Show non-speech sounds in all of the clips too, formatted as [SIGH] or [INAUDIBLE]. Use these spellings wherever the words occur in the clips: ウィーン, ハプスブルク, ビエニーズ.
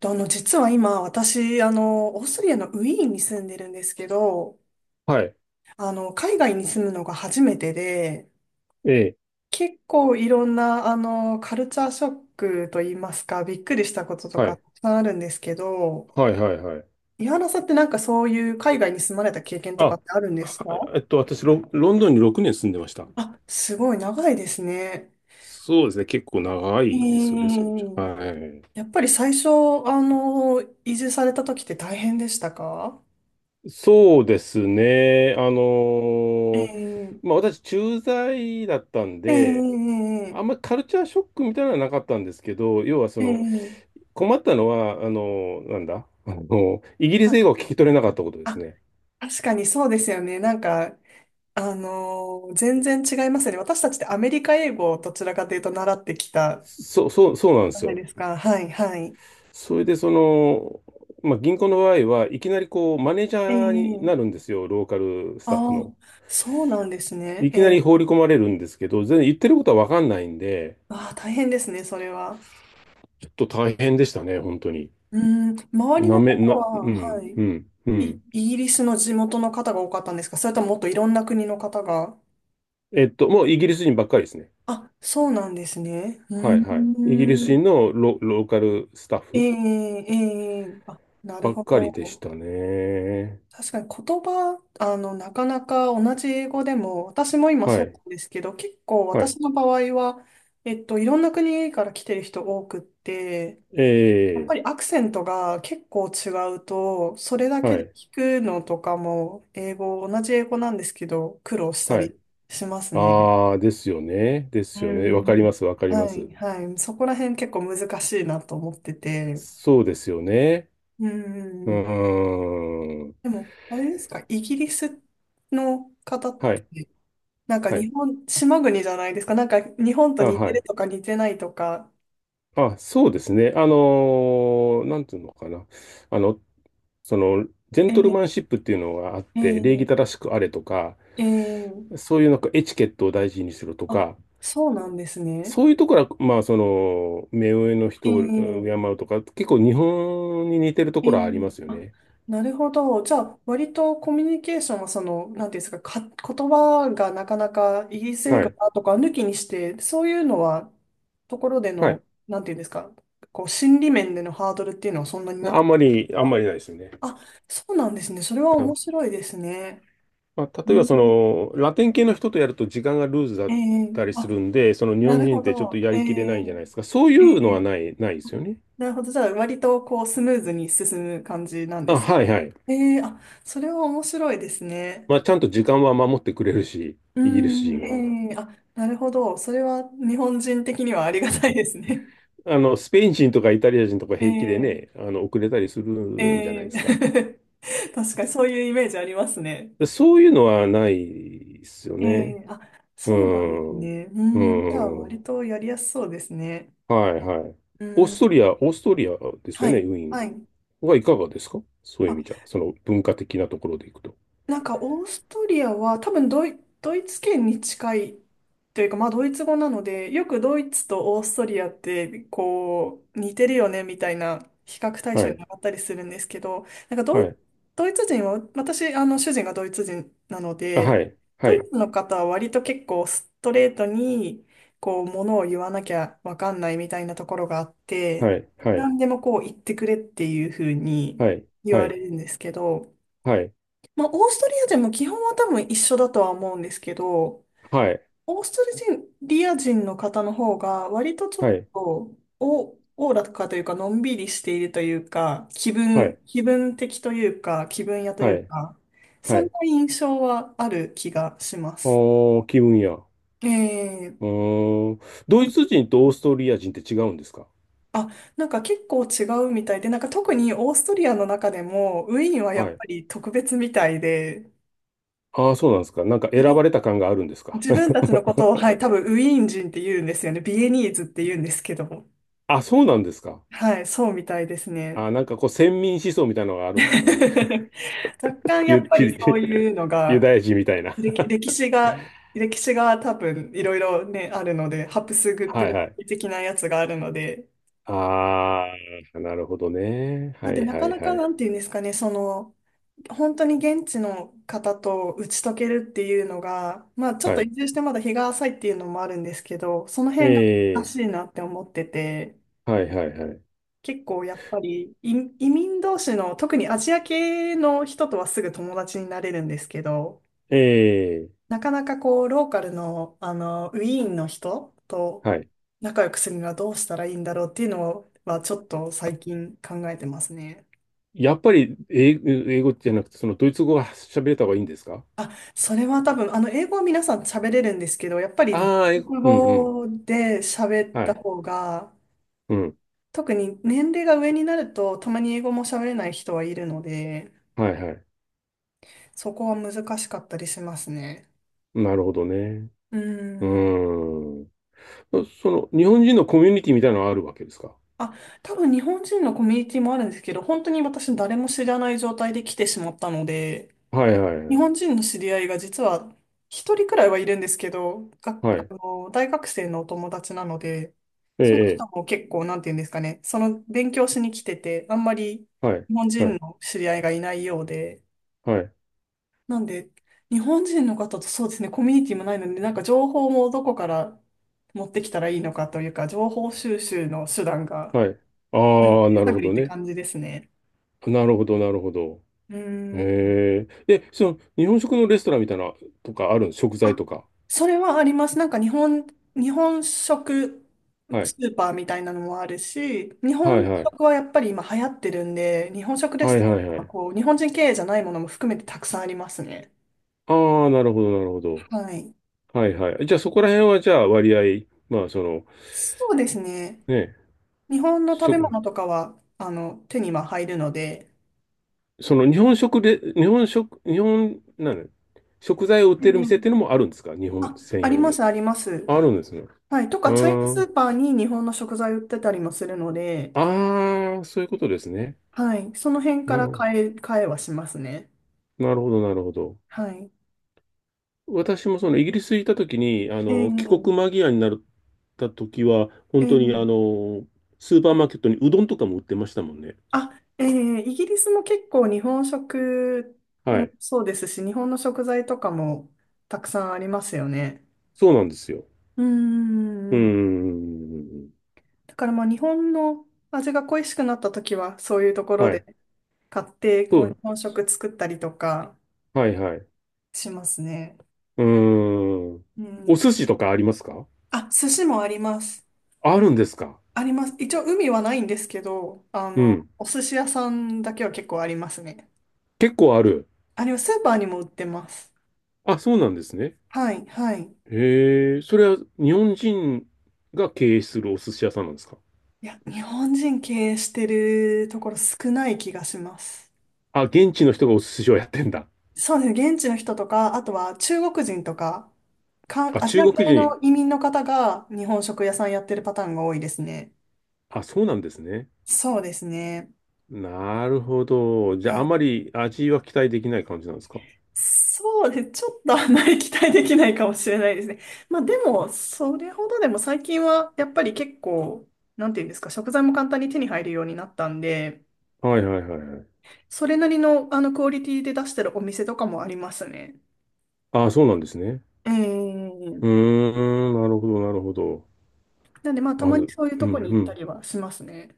と実は今、私、オーストリアのウィーンに住んでるんですけど、はい。海外に住むのが初めてで、ええ。結構いろんな、カルチャーショックといいますか、びっくりしたこととはかい。たくさんあるんですけど、はい、はい、はい。井原さんってなんかそういう海外に住まれた経験とかあ、ってあるんですはか？えっと、ロンドンに6年住んでました。あ、すごい長いですね。そうですね。結構長えいですよね、それじゃ。ー、はい。やっぱり最初、移住された時って大変でしたか？そうですね。えーー、まあ私、駐在だったんえー、で、あえんまりカルチャーショックみたいなのはなかったんですけど、要はそー、えの、ー困ったのは、あのーなんだ、あのーイギリうスん。英語を聞き取れなかったことですあ、ね。確かにそうですよね。なんか、全然違いますよね。私たちってアメリカ英語をどちらかというと習ってきたそうなんでじゃすないよ。ですか。はい、はい。それでその、まあ、銀行の場合はいきなりこうマネージえャーにえ。なるんですよ、ローカルスタッフあの。あ、そうなんですね。いえきなり放りえ。込まれるんですけど、全然言ってることはわかんないんで、ああ、大変ですね、それは。ちょっと大変でしたね、本当に。うん、周りなのめ、方な、は、うはん、うい、ん、うい、ん。イギリスの地元の方が多かったんですか？それとももっといろんな国の方が。えっと、もうイギリス人ばっかりですね。あ、そうなんですね。はい、うん、はい。イギリス人のロ、ローカルスタッえフえ、ええ。あ、なばるっほかりでしど。たね。確かに言葉、なかなか同じ英語でも、私も今はそうない、んですけど、結構は私い。の場合は、いろんな国から来てる人多くって、えやっぱえ、りアクセントが結構違うと、それだはけでい、聞くのとかも、英語、同じ英語なんですけど、苦労したはい。りしますね。ああ、ですよね。ですうよね。わかん。ります、わかりまはす。い、はい。そこら辺結構難しいなと思ってて。そうですよね。ううん。ーん。でも、あれですか、イギリスの方っはい。て、なんかはい。日本、島国じゃないですか。なんか日本とあ、似はてるい。とか似てないとか。あ、そうですね。あのーなんていうのかな。あの、その、ジェンえトルえ、マンシップっていうのがあっえて、礼儀え、正しくあれとか、ええ、そういうなんかエチケットを大事にするとあ、か、そうなんですね。そういうところは、まあ、その、目上のえ人を敬え、うとか、結構日本に似てるとえこえ、ろはありますよあ、ね。なるほど。じゃあ、割とコミュニケーションはその、なんていうんですか、言葉がなかなかイギリス英は語い。だとか抜きにして、そういうのは、ところではの、い。なんていうんですか、こう、心理面でのハードルっていうのはそんなになあかんっまり、あんた。まりないですよね。あ、そうなんですね。それは面白いですね。まあ、う例えばそん。のラテン系の人とやると時間がルーズだえっえ。たりすあ、るんで、その日な本る人ほってちょっとど。やえりえ、きれないじゃないですか。そういえうのはえ。ないですよね。なるほど。じゃあ、割とこう、スムーズに進む感じなんであ、す。はいはい。ええ。あ、それは面白いですね。まあ、ちゃんと時間は守ってくれるし、うイギリスん、人は。ええ。あ、なるほど。それは日本人的にはありがたいですね。あの、スペイン人とかイタリア人とか平気で [LAUGHS] ね、ええ、あの、遅れたりするんじゃないえですか。え。 [LAUGHS] 確かにそういうイメージありますね。でそういうのはないですよえね。え。あ、うそうなんですん。うね。うん、じゃあ、ん。割とやりやすそうですね。はいはい。うん、オーストリアですはよね、い、ウィーンはい。はいかがですか、そういう意味じゃ、その文化的なところでいくと。なんかオーストリアは多分ドイツ圏に近いというか、まあドイツ語なので、よくドイツとオーストリアってこう似てるよねみたいな比較対は象にい、なったりするんですけど、なんかはい、ドイツ人は、私、あの主人がドイツ人なのあ、で、はい、はドイい、ツの方は割と結構ストレートにこうものを言わなきゃわかんないみたいなところがあって、はい、はい、何でもこう言ってくれっていうふうにはい、言はわい、れるんですけど、はい、まあ、オーストリア人も基本は多分一緒だとは思うんですけど、オーストリア人の方の方が割とちょはっい、とお、おおらかというか、のんびりしているというか、はい、気分的というか、気分屋といはうい、か、はい、はそんない。印象はある気がしまあす。ー、気分や。えうえ。ーん。ドイツ人とオーストリア人って違うんですか？あ、なんか結構違うみたいで、なんか特にオーストリアの中でも、ウィーンはやっはい。ぱり特別みたいで、ああ、そうなんですか。なんか選ばれた感があるんですか？ 自分たちのこ [LAUGHS] とを、はい、多分ウィーン人って言うんですよね。ビエニーズって言うんですけども。あ、そうなんですか。はい、そうみたいですね。あ、なんかこう、先民思想みたいなのがあるんですか [LAUGHS] ね。若干やっユ、ぱりひ そういうの [LAUGHS] ユが、ダヤ人みたいな。[LAUGHS] 歴史が、歴史が多分いろいろね、あるので、ハプスブルはいはい。ク的なやつがあるので、ああ、なるほどね。だはっていなはかいなはかない。んていうんですかね、その、本当に現地の方と打ち解けるっていうのが、まあちょっはとい。移住してまだ日が浅いっていうのもあるんですけど、そのえ辺が難え、しいなって思ってて、はいはいはい。結構やっぱり移民同士の特にアジア系の人とはすぐ友達になれるんですけど、ええ、なかなかこうローカルの、あのウィーンの人とはい。仲良くするにはどうしたらいいんだろうっていうのはちょっと最近考えてますね。やっぱり英語、英語じゃなくて、そのドイツ語が喋れた方がいいんですか？あ、それは多分あの英語は皆さん喋れるんですけど、やっぱりああー、英語、国うんうん。語で喋っはたい。方がうん。特に年齢が上になるとたまに英語も喋れない人はいるので、はいはい。そこは難しかったりしますね。なるほどね。ううーん。ーん。その、日本人のコミュニティみたいなのはあるわけですか？あ、多分日本人のコミュニティもあるんですけど、本当に私誰も知らない状態で来てしまったので、はいはい日はい。本人の知り合いが実は一人くらいはいるんですけど、が、はあい。の、大学生のお友達なので、えそのえ、え人も結構、なんていうんですかね、その勉強しに来てて、あんまりえはい。日本は人い。の知り合いがいないようで、はい。なんで、日本人の方とそうですね、コミュニティもないので、なんか情報もどこから持ってきたらいいのかというか、情報収集の手段が、はい。ああ、なる探ほりっどてね。感じですね。なるほど、なるほど。うーん。へえ。で、その、日本食のレストランみたいな、とかあるん、食材あ、とか。それはあります。なんか日本、日本食はい。スーパーみたいなのもあるし、日は本いはい。食はやっぱり今流行ってるんで、日本食レはいストラはンいははい。こう、日本人経営じゃないものも含めてたくさんありますね。ああ、なるほど、なるほど。はい。はいはい。じゃあ、そこら辺は、じゃあ、割合、まあ、その、そうですね。ね、日本の食べ食、物とかは、手には入るので。その、日本食で、日本食、日本、なの食材を売っえてる店っていうのえ。もあるんですか、日本あ、専あり用まの。す、あります。あるんですね。はい。とうか、チャイナースん。ーパーに日本の食材売ってたりもするので、ああ、そういうことですね。はい。その辺かなるらほ変えはしますね。ど、なるほど、なるほど。はい。私もそのイギリス行った時に、あの、帰国ええ、間際になった時は、え本当にあえ。の、スーパーマーケットにうどんとかも売ってましたもんね。あ、ええイギリスも結構日本食はもい。そうですし、日本の食材とかもたくさんありますよね。そうなんですよ。うーうーん。ん。だからまあ日本の味が恋しくなった時は、そういうところはでい。買って、そこう日う。本食作ったりとかはいはい。うしますね。ーん。うおん。寿司とかありますか？あ、寿司もあります。あるんですか？あります。一応海はないんですけど、うん。お寿司屋さんだけは結構ありますね。結構ある。あれはスーパーにも売ってます。あ、そうなんですね。はい、はい。へえ、それは日本人が経営するお寿司屋さんなんですか？いや、日本人経営してるところ少ない気がします。あ、現地の人がお寿司をやってんだ。そうですね。現地の人とか、あとは中国人とか、か、あ、アジ中ア国系人。の移民の方が日本食屋さんやってるパターンが多いですね。あ、そうなんですね。そうですね。なるほど。じゃあ、あまり味は期待できない感じなんですか？そうです。ちょっとあまり期待できないかもしれないですね。まあでも、それほどでも最近はやっぱり結構、なんていうんですか、食材も簡単に手に入るようになったんで、はいはいはいはい。それなりのあのクオリティで出してるお店とかもありますね。ああ、そうなんですね。ええ。うーん、なるほど、なるほど。なんでまあたままにず、そういううとこん、に行うったん。りはしますね。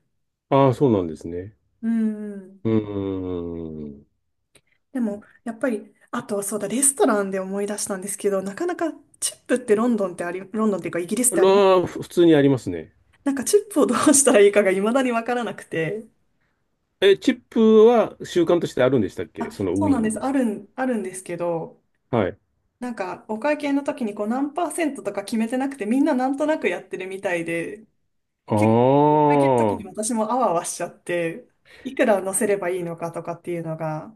ああ、そうなんですね。うんうん。うーん。でも、やっぱり、あとそうだ、レストランで思い出したんですけど、なかなかチップってロンドンっていうかイギリスってあり、らふ普通にありますね。なんかチップをどうしたらいいかが未だにわからなくて。え、チップは習慣としてあるんでしたっあ、け、そのウそうなィんーンです。に。あるんですけど、はい。なんかお会計の時にこう何パーセントとか決めてなくて、みんななんとなくやってるみたいで、ああ、結構お会計の時はに私もあわあわしちゃって、いくら乗せればいいのかとかっていうのが、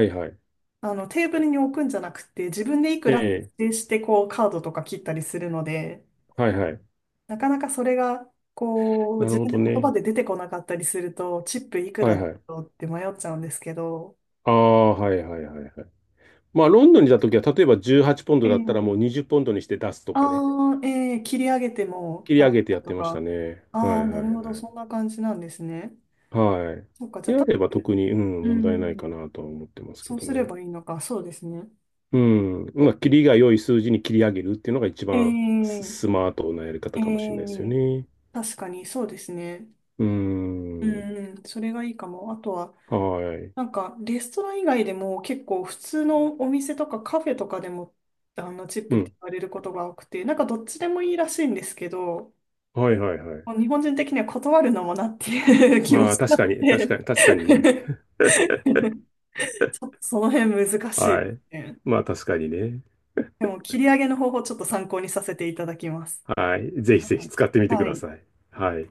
いはい。あのテーブルに置くんじゃなくて、自分でいくえらえ、指定してこうカードとか切ったりするので、はいはい。なかなかそれがこうなる自ほ分でど言葉ね。で出てこなかったりすると、チップいくはらいだはい。ろうって迷っちゃうんですけど、ああ、はいはいはいはい。まあ、ロンドンにいた時は、例えば18ポンえドだったらえ。もう20ポンドにして出すとかね、ああ、えー切り上げても切り払上っげてたやっとてましたか。ね。はあいあ、はいなるほど、はい。そんな感じなんですね。はい。そっか、じゃであ、あれば特に、うん、う問題ないかん、なとは思ってますけそうどすれね。ばいいのか、そうですね。うん。まあ、切りが良い数字に切り上げるっていうのが一え番ー、スマートなやりえ方かもしれないですよー、ね。確かにそうですね。うん。うん、それがいいかも。あとは、はい。なんか、レストラン以外でも結構普通のお店とかカフェとかでも、チップうってん。言われることが多くて、なんかどっちでもいいらしいんですけど、はいはいはい。もう日本人的には断るのもなっていう [LAUGHS] 気もまあ、した確のかに、確で かに、確 [LAUGHS] かにね。ちょっとその辺難しいはでい。すね。まあ、確かにね。でも、切り上げの方法ちょっと参考にさせていただきます。はい。ぜひはぜひい。使ってみてくはだいさい。はい。